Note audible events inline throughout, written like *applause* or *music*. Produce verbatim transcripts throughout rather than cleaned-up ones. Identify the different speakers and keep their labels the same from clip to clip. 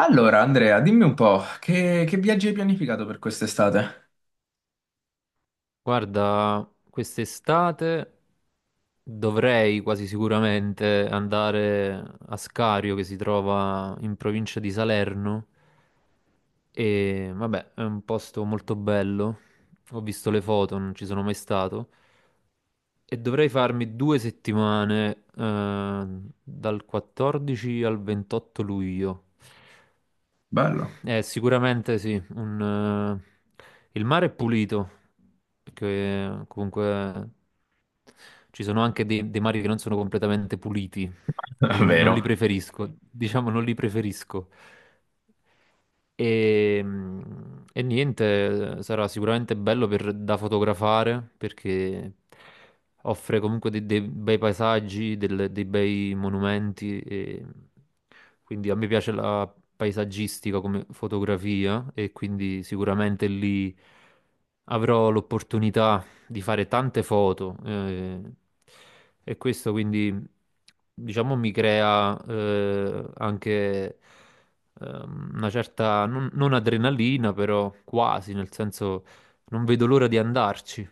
Speaker 1: Allora, Andrea, dimmi un po', che, che viaggi hai pianificato per quest'estate?
Speaker 2: Guarda, quest'estate dovrei quasi sicuramente andare a Scario, che si trova in provincia di Salerno, e vabbè, è un posto molto bello. Ho visto le foto, non ci sono mai stato, e dovrei farmi due settimane eh, dal quattordici al ventotto luglio.
Speaker 1: Bello,
Speaker 2: Eh, sicuramente sì, un, eh, il mare è pulito, perché comunque ci sono anche dei, dei mari che non sono completamente puliti, che io
Speaker 1: *laughs*
Speaker 2: non, non li
Speaker 1: vero?
Speaker 2: preferisco, diciamo non li preferisco, e, mm, e niente, sarà sicuramente bello per- da fotografare, perché offre comunque dei, dei bei paesaggi, delle- dei bei monumenti. E quindi a me piace la paesaggistica come fotografia, e quindi sicuramente lì avrò l'opportunità di fare tante foto, eh, e questo quindi diciamo mi crea, eh, anche, ehm, una certa non, non adrenalina, però quasi, nel senso, non vedo l'ora di andarci.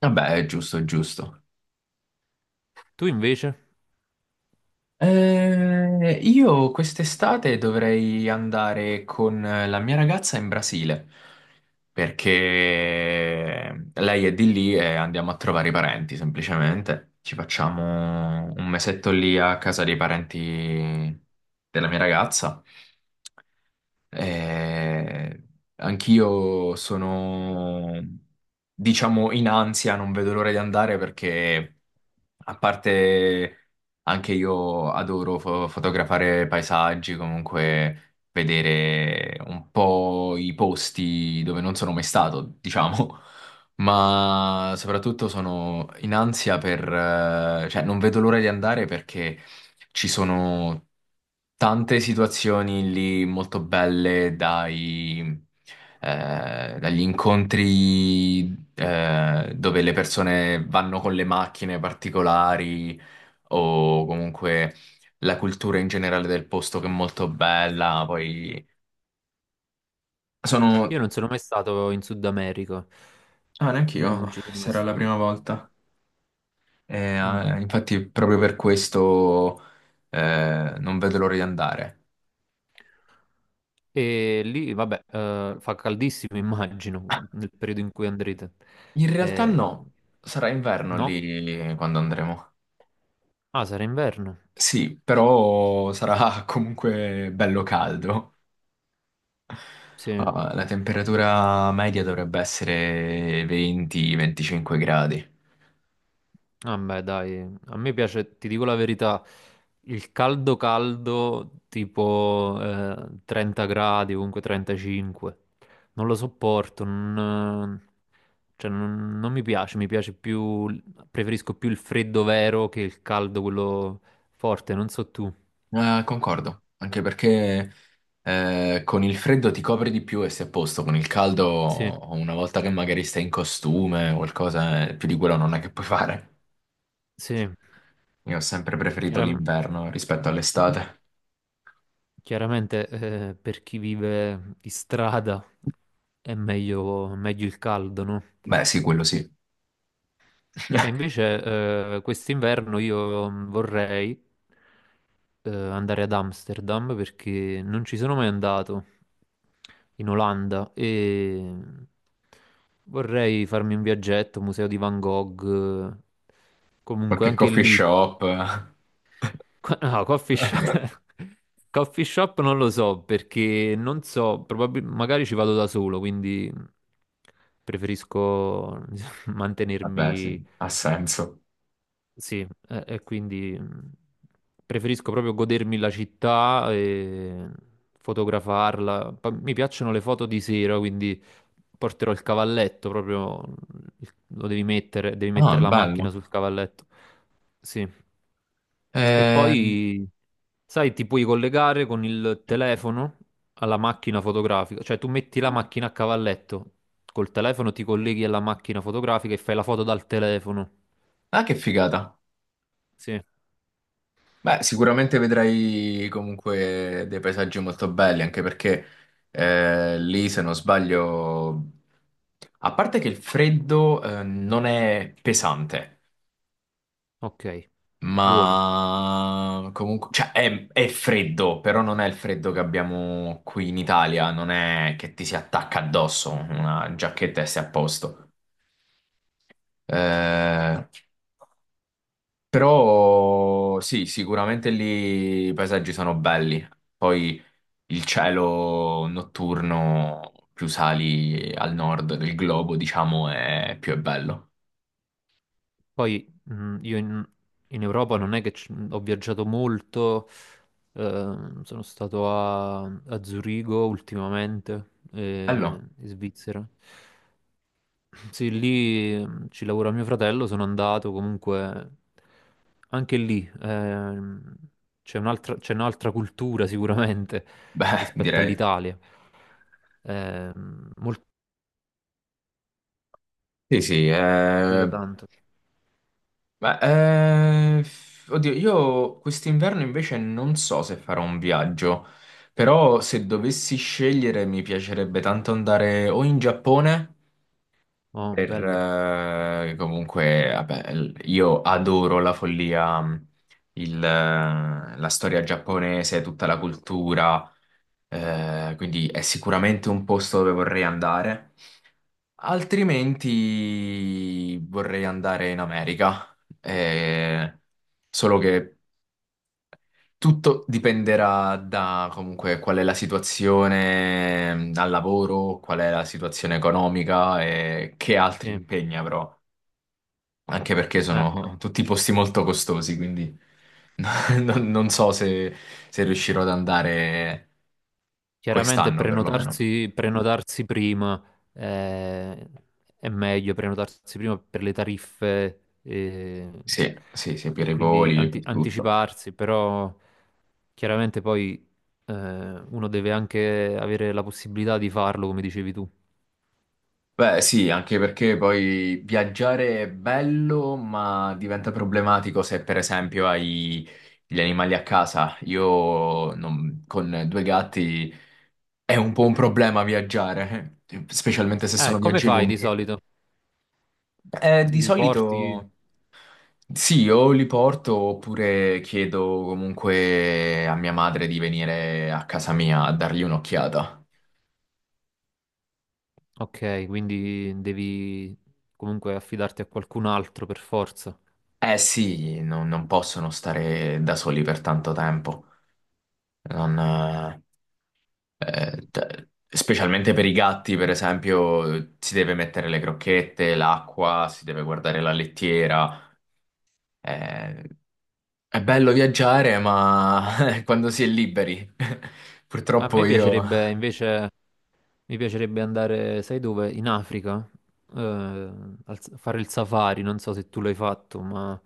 Speaker 1: Vabbè, è giusto, è giusto.
Speaker 2: Tu invece?
Speaker 1: Eh, io quest'estate dovrei andare con la mia ragazza in Brasile perché lei è di lì e andiamo a trovare i parenti semplicemente. Ci facciamo un mesetto lì a casa dei parenti della mia ragazza. Eh, Anch'io sono, diciamo, in ansia, non vedo l'ora di andare perché, a parte, anche io adoro fo- fotografare paesaggi, comunque vedere un po' i posti dove non sono mai stato, diciamo. *laughs* Ma soprattutto sono in ansia per, eh, cioè non vedo l'ora di andare perché ci sono tante situazioni lì molto belle dai, eh, dagli incontri, eh, dove le persone vanno con le macchine particolari, o comunque la cultura in generale del posto che è molto bella. Poi
Speaker 2: Io
Speaker 1: sono...
Speaker 2: non sono mai stato in Sud America,
Speaker 1: Ah, neanche io,
Speaker 2: non ci sono mai
Speaker 1: sarà la
Speaker 2: stato.
Speaker 1: prima volta. E,
Speaker 2: Mm.
Speaker 1: eh, infatti proprio per questo eh, non vedo l'ora di andare.
Speaker 2: E lì, vabbè, eh, fa caldissimo, *laughs* immagino,
Speaker 1: Ah,
Speaker 2: nel periodo in cui andrete.
Speaker 1: in realtà
Speaker 2: Eh,
Speaker 1: no, sarà inverno
Speaker 2: no?
Speaker 1: lì quando andremo.
Speaker 2: Ah, sarà inverno.
Speaker 1: Sì, però sarà *laughs* comunque bello caldo.
Speaker 2: Sì.
Speaker 1: Ah, la temperatura media dovrebbe essere venti a venticinque gradi.
Speaker 2: Vabbè, dai, a me piace, ti dico la verità, il caldo caldo, tipo, eh, trenta gradi, comunque trentacinque. Non lo sopporto, non, cioè, non, non mi piace, mi piace più, preferisco più il freddo vero che il caldo, quello forte, non so tu.
Speaker 1: Ah, concordo, anche perché, eh, con il freddo ti copri di più e sei a posto, con il
Speaker 2: Sì,
Speaker 1: caldo una volta che magari stai in costume o qualcosa, eh, più di quello non è che puoi fare.
Speaker 2: sì,
Speaker 1: Io ho sempre preferito
Speaker 2: chiaram-
Speaker 1: l'inverno rispetto all'estate.
Speaker 2: chiaramente, eh, per chi vive in strada è meglio, meglio il caldo, no?
Speaker 1: Beh, sì, quello sì.
Speaker 2: E
Speaker 1: *laughs*
Speaker 2: invece, eh, quest'inverno io, mm, vorrei, eh, andare ad Amsterdam, perché non ci sono mai andato in Olanda e mm, vorrei farmi un viaggetto, museo di Van Gogh, eh, comunque
Speaker 1: Qualche
Speaker 2: anche
Speaker 1: coffee
Speaker 2: lì.
Speaker 1: shop.
Speaker 2: *laughs* Co- No, coffee shop.
Speaker 1: *laughs*
Speaker 2: *laughs* Coffee shop non lo so, perché non so, probab- magari ci vado da solo, quindi preferisco *laughs*
Speaker 1: Vabbè, sì,
Speaker 2: mantenermi.
Speaker 1: ha senso.
Speaker 2: Sì, e, e quindi, mh, preferisco proprio godermi la città e fotografarla. Poi mi piacciono le foto di sera, quindi porterò il cavalletto proprio, il- lo devi mettere, devi
Speaker 1: Ah,
Speaker 2: mettere la macchina
Speaker 1: bello.
Speaker 2: sul cavalletto. Sì. E
Speaker 1: Eh,
Speaker 2: poi, sai, ti puoi collegare con il telefono alla macchina fotografica, cioè tu metti la macchina a cavalletto, col telefono ti colleghi alla macchina fotografica e fai la foto dal telefono.
Speaker 1: ah, che figata.
Speaker 2: Sì,
Speaker 1: Beh, sicuramente vedrai comunque dei paesaggi molto belli, anche perché, eh, lì, se non sbaglio, a parte che il freddo eh, non è pesante,
Speaker 2: ok, buono.
Speaker 1: ma comunque, cioè è, è freddo, però non è il freddo che abbiamo qui in Italia, non è che ti si attacca addosso una giacchetta e sei a posto. Eh, Però sì, sicuramente lì i paesaggi sono belli. Poi il cielo notturno, più sali al nord del globo, diciamo, è più è bello.
Speaker 2: Poi, mh, io in, in Europa non è che ci- ho viaggiato molto, ehm, sono stato a, a Zurigo ultimamente, eh,
Speaker 1: Bello?
Speaker 2: in Svizzera. Sì, lì, mh, ci lavora mio fratello, sono andato comunque anche lì. ehm, c'è un'altra c'è un'altra cultura sicuramente
Speaker 1: Beh, *laughs*
Speaker 2: rispetto
Speaker 1: direi.
Speaker 2: all'Italia. Ehm, molto
Speaker 1: Sì, sì.
Speaker 2: più da
Speaker 1: eh,
Speaker 2: tanto.
Speaker 1: beh, eh, Oddio, io quest'inverno invece non so se farò un viaggio, però se dovessi scegliere mi piacerebbe tanto andare o in Giappone.
Speaker 2: Oh,
Speaker 1: Per,
Speaker 2: bello.
Speaker 1: eh, comunque, vabbè, l- io adoro la follia, mh, il, eh, la storia giapponese, tutta la cultura, eh, quindi è sicuramente un posto dove vorrei andare. Altrimenti vorrei andare in America, eh, solo che tutto dipenderà da comunque qual è la situazione, mh, al lavoro, qual è la situazione economica e che altri
Speaker 2: Sì.
Speaker 1: impegni avrò. Anche perché
Speaker 2: Eh,
Speaker 1: sono *laughs* tutti posti molto costosi, quindi *laughs* non, non so se, se riuscirò ad andare
Speaker 2: Chiaramente
Speaker 1: quest'anno perlomeno.
Speaker 2: prenotarsi, prenotarsi prima, eh, è meglio, prenotarsi prima per le tariffe, eh,
Speaker 1: Sì, sì, sì, per
Speaker 2: e
Speaker 1: i
Speaker 2: quindi
Speaker 1: voli,
Speaker 2: anti-
Speaker 1: per tutto.
Speaker 2: anticiparsi, però chiaramente poi, eh, uno deve anche avere la possibilità di farlo, come dicevi tu.
Speaker 1: Beh, sì, anche perché poi viaggiare è bello, ma diventa problematico se per esempio hai gli animali a casa. Io non- con due gatti è un po' un problema viaggiare, *laughs* eh, specialmente se
Speaker 2: Eh,
Speaker 1: sono
Speaker 2: come
Speaker 1: viaggi
Speaker 2: fai di
Speaker 1: lunghi.
Speaker 2: solito?
Speaker 1: Eh, di
Speaker 2: Li porti?
Speaker 1: solito. Sì, o li porto oppure chiedo comunque a mia madre di venire a casa mia a dargli un'occhiata.
Speaker 2: Ok, quindi devi comunque affidarti a qualcun altro per forza.
Speaker 1: Eh sì, non, non possono stare da soli per tanto tempo. Non, eh, eh, t- Specialmente per i gatti, per esempio, eh, si deve mettere le crocchette, l'acqua, si deve guardare la lettiera. Eh, è bello viaggiare, ma *laughs* quando si è liberi. *laughs*
Speaker 2: A
Speaker 1: Purtroppo
Speaker 2: me
Speaker 1: io...
Speaker 2: piacerebbe invece, mi piacerebbe andare, sai dove? In Africa, eh, al- fare il safari, non so se tu l'hai fatto, ma,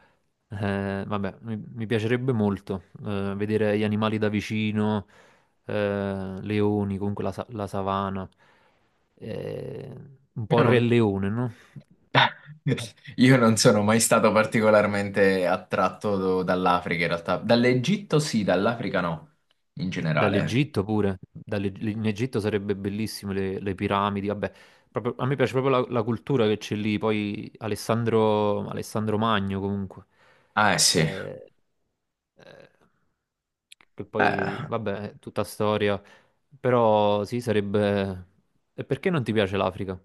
Speaker 2: eh, vabbè, mi, mi piacerebbe molto, eh, vedere gli animali da vicino, eh, leoni, comunque la, sa- la savana, eh, un po'
Speaker 1: Io
Speaker 2: il Re
Speaker 1: non,
Speaker 2: Leone, no?
Speaker 1: *laughs* io non sono mai stato particolarmente attratto do- dall'Africa in realtà. Dall'Egitto sì, dall'Africa no, in generale.
Speaker 2: Dall'Egitto pure. Dalle- in Egitto sarebbe bellissimo, le, le piramidi, vabbè, proprio- a me piace proprio la, la cultura che c'è lì, poi Alessandro, Alessandro Magno, comunque,
Speaker 1: Ah, eh sì.
Speaker 2: eh, eh, che poi,
Speaker 1: Eh,
Speaker 2: vabbè, è tutta storia, però sì, sarebbe... E perché non ti piace l'Africa?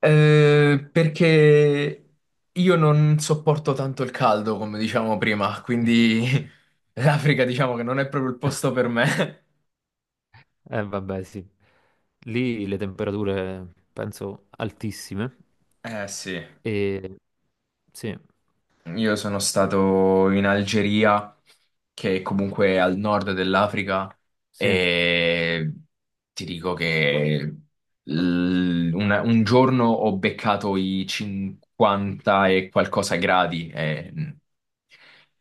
Speaker 1: eh, Perché io non sopporto tanto il caldo, come diciamo prima,
Speaker 2: *laughs*
Speaker 1: quindi *laughs* l'Africa diciamo che non è proprio il posto per me.
Speaker 2: Eh vabbè, sì, lì le temperature penso altissime,
Speaker 1: Eh sì.
Speaker 2: e sì.
Speaker 1: Io sono stato in Algeria, che comunque è comunque al nord dell'Africa,
Speaker 2: Sì.
Speaker 1: e ti dico che l- una- un giorno ho beccato i cinquanta e qualcosa gradi, è,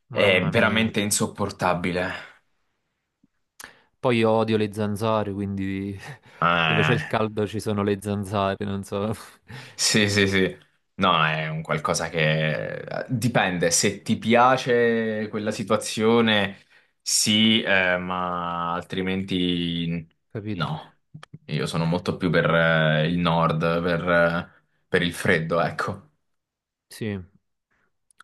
Speaker 1: è
Speaker 2: Mamma mia.
Speaker 1: veramente insopportabile.
Speaker 2: Poi io odio le zanzare, quindi *laughs* dove c'è
Speaker 1: Eh.
Speaker 2: il caldo ci sono le zanzare, non so. *laughs*
Speaker 1: Sì, sì, sì. No, è un qualcosa che, eh, dipende. Se ti piace quella situazione, sì, eh, ma altrimenti
Speaker 2: Capito?
Speaker 1: no. Io sono molto più per, eh, il nord, per, eh, per il freddo, ecco.
Speaker 2: Sì.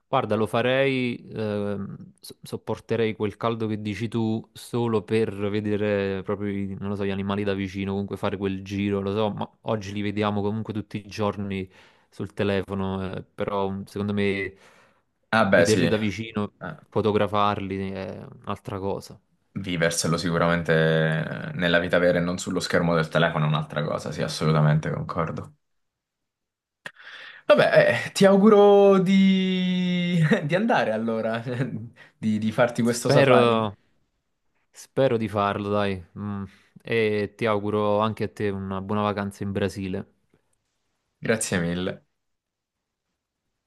Speaker 2: Guarda, lo farei, ehm, so- sopporterei quel caldo che dici tu solo per vedere proprio, i- non lo so, gli animali da vicino, comunque fare quel giro, lo so, ma oggi li vediamo comunque tutti i giorni sul telefono, eh, però, mm, secondo me
Speaker 1: Ah, beh, sì.
Speaker 2: vederli
Speaker 1: Eh,
Speaker 2: da vicino, fotografarli è un'altra cosa.
Speaker 1: viverselo sicuramente nella vita vera e non sullo schermo del telefono è un'altra cosa, sì, assolutamente concordo. Vabbè, eh, ti auguro di, *laughs* di andare allora, *laughs* di, di farti questo safari.
Speaker 2: Spero, spero di farlo, dai. Mm, E ti auguro anche a te una buona vacanza in Brasile.
Speaker 1: Grazie mille.